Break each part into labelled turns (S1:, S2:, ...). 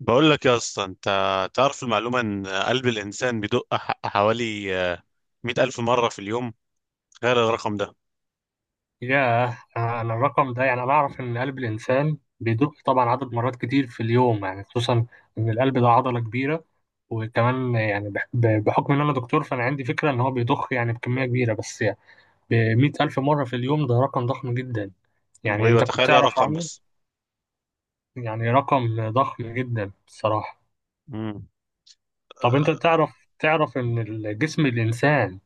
S1: بقول لك يا اسطى، انت تعرف المعلومه ان قلب الانسان بيدق حوالي 100,000 الف مره في اليوم؟ تخيل الرقم ده.
S2: ياه، أنا الرقم ده، يعني أنا أعرف إن قلب الإنسان بيدق طبعا عدد مرات كتير في اليوم، يعني خصوصا إن القلب ده عضلة كبيرة. وكمان يعني بحكم إن أنا دكتور، فأنا عندي فكرة إن هو بيضخ يعني بكمية كبيرة، بس يعني بمية ألف مرة في اليوم ده رقم ضخم جدا. يعني
S1: ايوه،
S2: أنت كنت
S1: تخيل
S2: تعرف
S1: الرقم
S2: عنه؟
S1: بس.
S2: يعني رقم ضخم جدا بصراحة.
S1: مم.
S2: طب أنت تعرف إن الجسم الإنسان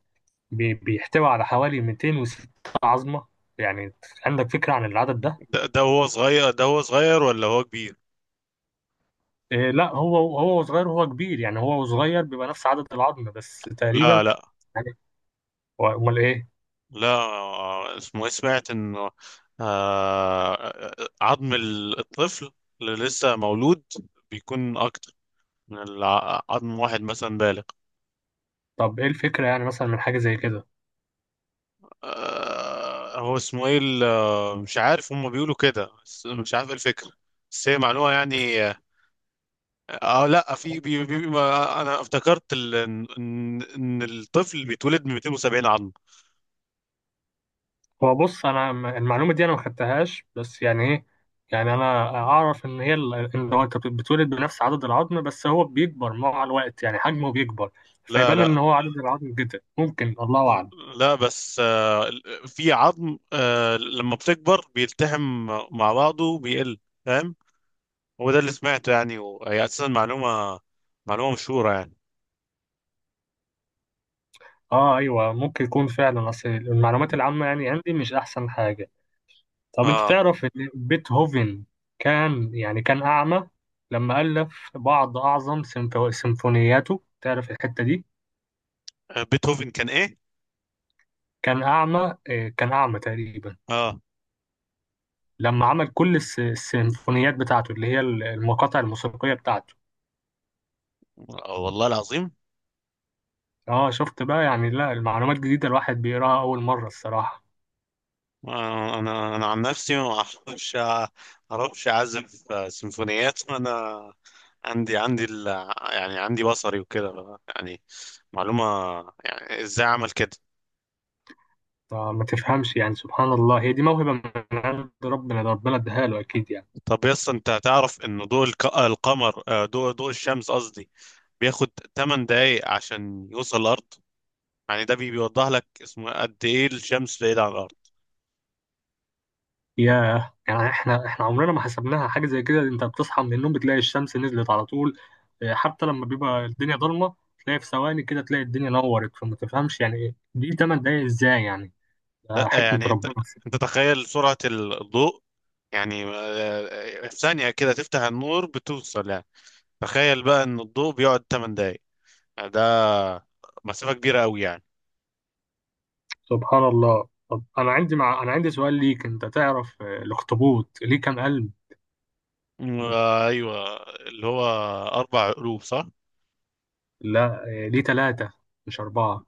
S2: بيحتوي على حوالي 206 عظمة. يعني عندك فكرة عن العدد ده؟
S1: ده هو صغير، ده هو صغير ولا هو كبير؟
S2: إيه، لا هو صغير وهو كبير، يعني هو صغير بيبقى نفس عدد العظم بس تقريبا.
S1: لا، لا.
S2: يعني امال ايه؟
S1: لا، اسمه ايه؟ سمعت انه آه، عظم الطفل اللي لسه مولود بيكون اكتر من عظم واحد مثلا بالغ.
S2: طب ايه الفكره يعني مثلا من حاجه زي كده؟
S1: هو اسمه ايه مش عارف، هم بيقولوا كده بس مش عارف ايه الفكرة، بس هي معلومة يعني. اه. لا، في بي ما انا افتكرت ان ان إن الطفل بيتولد من 270 عظم.
S2: هو بص، انا المعلومه دي انا ما خدتهاش، بس يعني ايه، يعني انا اعرف ان هي ان هو انت بتولد بنفس عدد العظم، بس هو بيكبر مع الوقت يعني حجمه بيكبر،
S1: لا،
S2: فيبان
S1: لا،
S2: ان هو عدد العظم جدا، ممكن الله اعلم.
S1: لا، بس في عظم، لما بتكبر بيلتحم مع بعضه بيقل، فاهم؟ هو ده اللي سمعته يعني، وهي اساسا معلومة مشهورة يعني.
S2: اه ايوه، ممكن يكون فعلا، اصل المعلومات العامه يعني عندي مش احسن حاجه. طب انت
S1: اه.
S2: تعرف ان بيتهوفن كان يعني كان اعمى لما الف بعض اعظم سيمفونياته؟ تعرف الحته دي؟
S1: بيتهوفن كان ايه؟
S2: كان اعمى. كان اعمى تقريبا
S1: اه،
S2: لما عمل كل السيمفونيات بتاعته، اللي هي المقاطع الموسيقيه بتاعته.
S1: والله العظيم.
S2: اه شفت بقى، يعني لا المعلومات جديده، الواحد بيقراها اول مره الصراحه.
S1: انا عن نفسي ما اعرفش، اعزف سيمفونيات. انا عندي يعني عندي بصري وكده يعني، معلومة، يعني ازاي اعمل كده؟
S2: ما تفهمش يعني، سبحان الله، هي دي موهبه من عند ربنا، ده ربنا اداها له اكيد يعني.
S1: طب، يس انت تعرف ان ضوء القمر، ضوء الشمس قصدي، بياخد 8 دقايق عشان يوصل الارض؟ يعني ده بيوضح لك اسمه قد ايه الشمس بعيدة عن الارض.
S2: ياه، يعني احنا عمرنا ما حسبناها حاجه زي كده. انت بتصحى من النوم بتلاقي الشمس نزلت على طول. اه، حتى لما بيبقى الدنيا ضلمه، تلاقي في ثواني كده تلاقي الدنيا نورت، فما تفهمش يعني ايه دي 8 دقايق ازاي يعني. ده
S1: لا،
S2: حكمه
S1: يعني انت
S2: ربنا
S1: انت تخيل سرعة الضوء، يعني في ثانية كده تفتح النور بتوصل يعني. تخيل بقى ان الضوء بيقعد 8 دقايق، ده مسافة كبيرة قوي يعني.
S2: سبحان الله. طب انا انا عندي سؤال ليك. انت تعرف الاخطبوط ليه كام قلب؟
S1: مم. ايوه، اللي هو اربع قلوب، صح؟
S2: لا، ليه ثلاثه مش اربعه.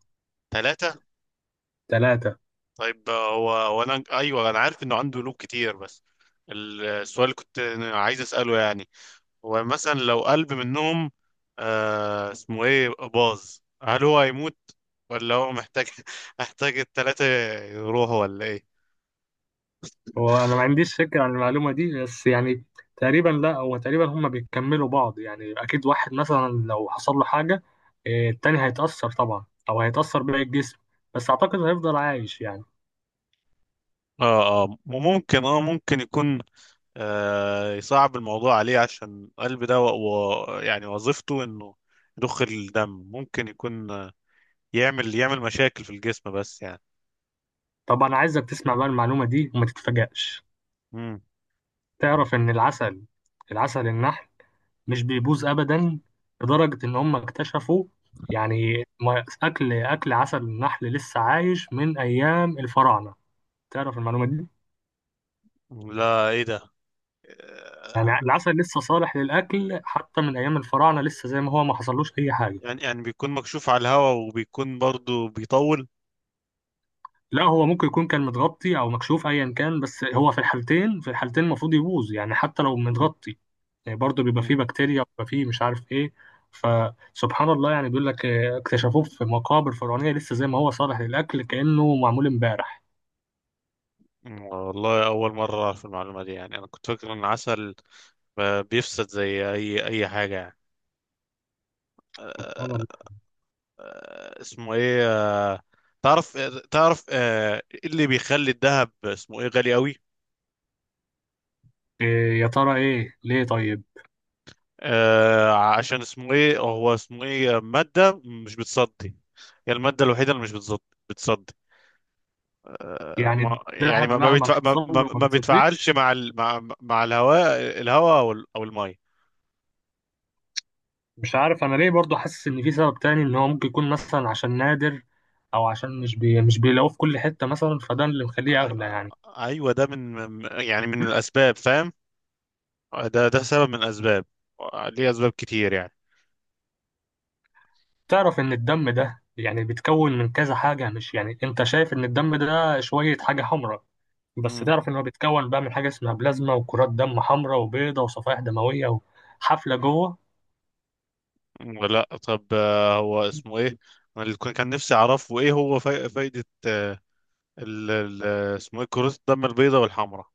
S1: ثلاثة.
S2: ثلاثه.
S1: طيب، هو وانا، ايوه، انا عارف انه عنده قلوب كتير، بس السؤال اللي كنت عايز اسأله يعني، هو مثلا لو قلب منهم اسمه ايه باظ، هل هو هيموت ولا هو محتاج محتاج الثلاثة يروحوا ولا ايه؟
S2: هو انا ما عنديش فكره عن المعلومه دي، بس يعني تقريبا، لا هو تقريبا هما بيكملوا بعض يعني، اكيد واحد مثلا لو حصل له حاجه إيه، التاني هيتاثر طبعا، او هيتاثر باقي الجسم، بس اعتقد هيفضل عايش يعني.
S1: اه، اه، ممكن، اه، يكون يصعب الموضوع عليه، عشان القلب ده يعني وظيفته انه يضخ الدم، ممكن يكون يعمل مشاكل في الجسم بس يعني.
S2: طب انا عايزك تسمع بقى المعلومه دي وما تتفاجئش.
S1: مم.
S2: تعرف ان العسل النحل مش بيبوظ ابدا؟ لدرجه ان هم اكتشفوا، يعني اكل عسل النحل لسه عايش من ايام الفراعنه. تعرف المعلومه دي؟
S1: لا، ايه ده،
S2: يعني
S1: آه،
S2: العسل لسه صالح للأكل حتى من أيام الفراعنة، لسه زي ما هو، ما حصلوش أي حاجة.
S1: يعني بيكون مكشوف على الهواء، وبيكون برضو بيطول.
S2: لا هو ممكن يكون كان متغطي أو مكشوف أيا كان، بس هو في الحالتين المفروض يبوظ يعني، حتى لو متغطي، يعني برضه بيبقى
S1: مم.
S2: فيه بكتيريا، بيبقى فيه مش عارف إيه. فسبحان الله، يعني بيقول لك اكتشفوه في مقابر فرعونية لسه زي ما هو صالح للأكل، كأنه معمول امبارح.
S1: والله، اول مرة اعرف المعلومة دي، يعني انا كنت فاكر ان العسل بيفسد زي اي حاجة يعني.
S2: سبحان الله.
S1: اسمه ايه آه، تعرف، إيه اللي بيخلي الذهب اسمه ايه غالي قوي؟
S2: إيه يا ترى؟ إيه ليه طيب؟
S1: عشان اسمه ايه، هو اسمه ايه، مادة مش بتصدي، هي المادة الوحيدة اللي مش بتصدي.
S2: يعني
S1: ما يعني،
S2: الذهب
S1: ما ما,
S2: مهما
S1: بيتفع ما,
S2: حصل
S1: ما
S2: له ما
S1: ما بيتفاعلش
S2: بتصدقش؟
S1: مع الهواء أو المية.
S2: مش عارف انا ليه، برضو حاسس ان في سبب تاني، ان هو ممكن يكون مثلا عشان نادر، او عشان مش بيلاقوه في كل حتة مثلا، فده اللي مخليه
S1: آي-
S2: اغلى
S1: آه،
S2: يعني.
S1: ايوه، ده من الاسباب، فاهم؟ ده سبب من الاسباب، ليه اسباب كتير يعني.
S2: تعرف ان الدم ده يعني بيتكون من كذا حاجة؟ مش يعني انت شايف ان الدم ده شوية حاجة حمراء، بس
S1: مم.
S2: تعرف ان هو بيتكون بقى من حاجة اسمها بلازما، وكرات دم حمراء وبيضة، وصفائح دموية، وحفلة جوه.
S1: لا، طب، هو اسمه ايه، أنا اللي كان نفسي اعرفه، ايه هو فايدة ال ال- اسمه ايه كرات الدم البيضاء والحمراء؟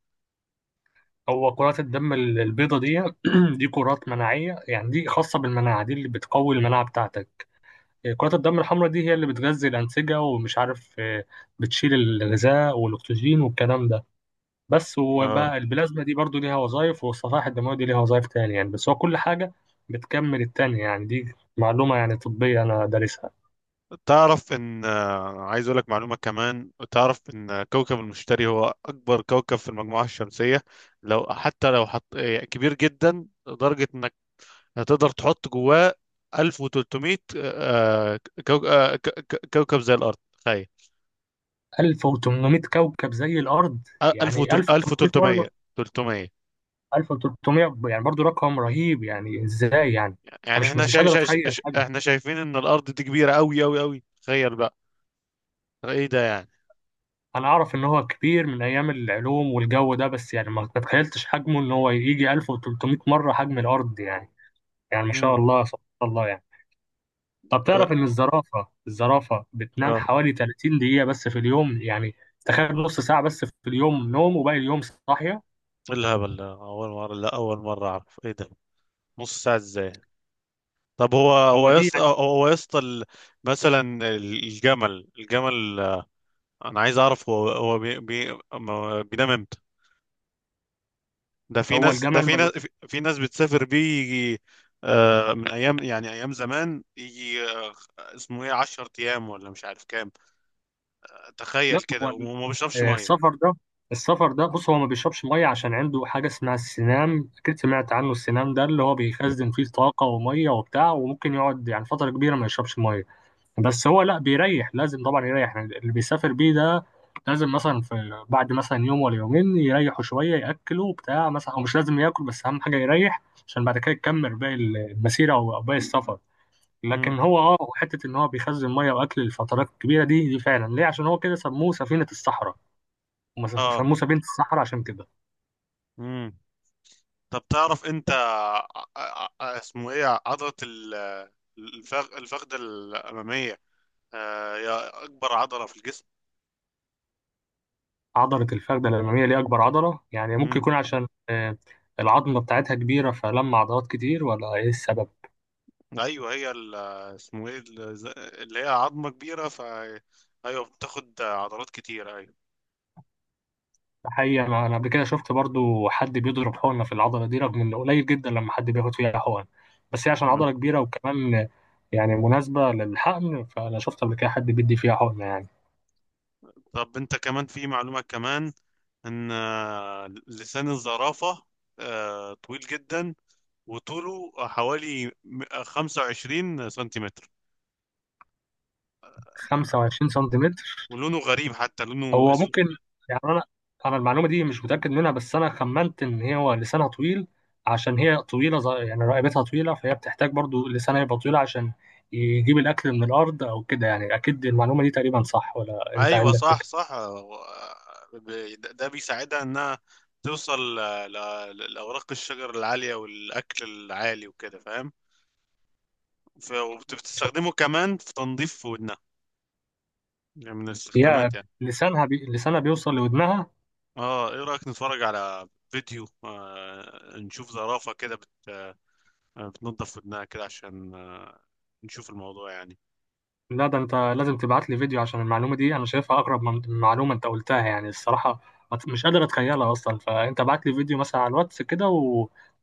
S2: هو كرات الدم البيضة دي دي كرات مناعية، يعني دي خاصة بالمناعة، دي اللي بتقوي المناعة بتاعتك. كرات الدم الحمراء دي هي اللي بتغذي الأنسجة، ومش عارف بتشيل الغذاء والأكسجين والكلام ده بس.
S1: آه،
S2: وبقى البلازما دي برضو ليها وظائف، والصفائح الدموية دي ليها وظائف تانية يعني، بس هو كل حاجة بتكمل التانية يعني. دي معلومة يعني طبية أنا دارسها.
S1: تعرف ان عايز اقول لك معلومة كمان، تعرف ان كوكب المشتري هو اكبر كوكب في المجموعة الشمسية؟ لو حتى لو حط كبير جدا، لدرجة انك هتقدر تحط جواه 1300 كوكب زي الارض، تخيل.
S2: 1800 كوكب زي الأرض،
S1: 1000،
S2: يعني 1800 مرة.
S1: 1300، 300.
S2: 1300، يعني برضو رقم رهيب، يعني إزاي يعني؟ أنا
S1: يعني
S2: مش
S1: احنا
S2: مش قادر أتخيل حاجة.
S1: شايفين ان الارض دي كبيرة قوي قوي قوي، تخيل بقى. ايه ده يعني؟
S2: انا اعرف ان هو كبير من ايام العلوم والجو ده، بس يعني ما تتخيلتش حجمه ان هو يجي 1300 مره حجم الارض يعني. يعني ما شاء
S1: امم.
S2: الله، سبحان الله يعني. طب
S1: اه.
S2: تعرف ان الزرافه بتنام
S1: آه.
S2: حوالي 30 دقيقه بس في اليوم يعني؟ تخيل نص ساعه بس في اليوم نوم، وباقي اليوم صاحيه.
S1: إيه الهبل ده؟ اول مرة، لا، اول مرة اعرف ايه ده. نص ساعة ازاي؟ طب هو
S2: هو
S1: هو
S2: دي
S1: يس
S2: يعني.
S1: هو يسطا مثلا الجمل، انا عايز اعرف هو بي بي ما- بينام امتى؟ ده في
S2: هو
S1: ناس، ده
S2: الجمل
S1: في ناس
S2: ملوش.
S1: في في ناس بتسافر بيه، يجي من ايام، يعني ايام زمان، يجي اسمه ايه 10 ايام ولا مش عارف كام،
S2: لا
S1: تخيل
S2: هو
S1: كده وما بيشربش ميه.
S2: السفر ده، السفر ده بص، هو ما بيشربش ميه عشان عنده حاجه اسمها السنام، اكيد سمعت عنه السنام ده، اللي هو بيخزن فيه طاقه وميه وبتاع، وممكن يقعد يعني فتره كبيره ما يشربش ميه. بس هو لا بيريح، لازم طبعا يريح، يعني اللي بيسافر بيه ده لازم مثلا في، بعد مثلا يوم ولا يومين، يريحوا شوية، يأكلوا بتاع مثلا، أو مش لازم ياكل بس أهم حاجة يريح، عشان بعد كده يكمل باقي المسيرة أو باقي السفر. لكن
S1: امم.
S2: هو حتة إن هو بيخزن مية وأكل للفترات الكبيرة دي فعلا ليه، عشان هو كده سموه سفينة الصحراء. هم
S1: اه.
S2: سموه سفينة الصحراء عشان كده.
S1: امم. طب تعرف انت اسمه ايه عضلة الفخذ الامامية، هي اكبر عضلة في
S2: عضلة الفخذة الأمامية دي أكبر عضلة، يعني ممكن
S1: الجسم.
S2: يكون عشان العظمة بتاعتها كبيرة، فلما عضلات كتير، ولا إيه السبب؟
S1: ايوه، هي اسمه ايه اللي هي عظمه كبيره، ايوه، بتاخد عضلات كتير، ايوه.
S2: حقيقة أنا قبل كده شفت برضو حد بيضرب حقنة في العضلة دي، رغم إنه قليل جدا لما حد بياخد فيها حقن، بس هي عشان
S1: مم.
S2: عضلة كبيرة وكمان يعني مناسبة للحقن، فأنا شفت قبل كده حد بيدي فيها حقنة يعني.
S1: طب انت كمان، في معلومه كمان، ان لسان الزرافه طويل جدا، وطوله حوالي 25 سنتيمتر، آه،
S2: 25 سنتيمتر؟
S1: ولونه غريب، حتى لونه
S2: هو
S1: اسود.
S2: ممكن يعني، أنا المعلومة دي مش متأكد منها، بس أنا خمنت إن هو لسانها طويل عشان هي طويلة، يعني رقبتها طويلة، فهي بتحتاج برضو لسانها يبقى طويل عشان يجيب الأكل من الأرض أو كده يعني. أكيد المعلومة دي تقريبا صح، ولا أنت
S1: ايوه،
S2: عندك
S1: صح،
S2: فكرة؟
S1: صح، ده بيساعدها انها توصل لاوراق الشجر العاليه والاكل العالي وكده، فاهم؟ وبتستخدمه كمان في تنظيف ودنها، يعني من
S2: يا،
S1: الاستخدامات يعني.
S2: لسانها بيوصل لودنها؟
S1: اه، ايه رأيك نتفرج على فيديو، نشوف زرافة كده بتنظف ودنها كده، عشان نشوف الموضوع يعني؟
S2: لا ده انت لازم تبعت لي فيديو، عشان المعلومه دي انا شايفها اقرب من معلومه انت قلتها يعني الصراحه. ما ت- مش قادر اتخيلها اصلا، فانت بعت لي فيديو مثلا على الواتس كده،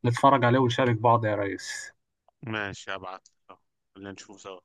S2: ونتفرج عليه ونشارك بعض يا ريس.
S1: ماشي، هبعت لك. خلينا نشوفه سوا.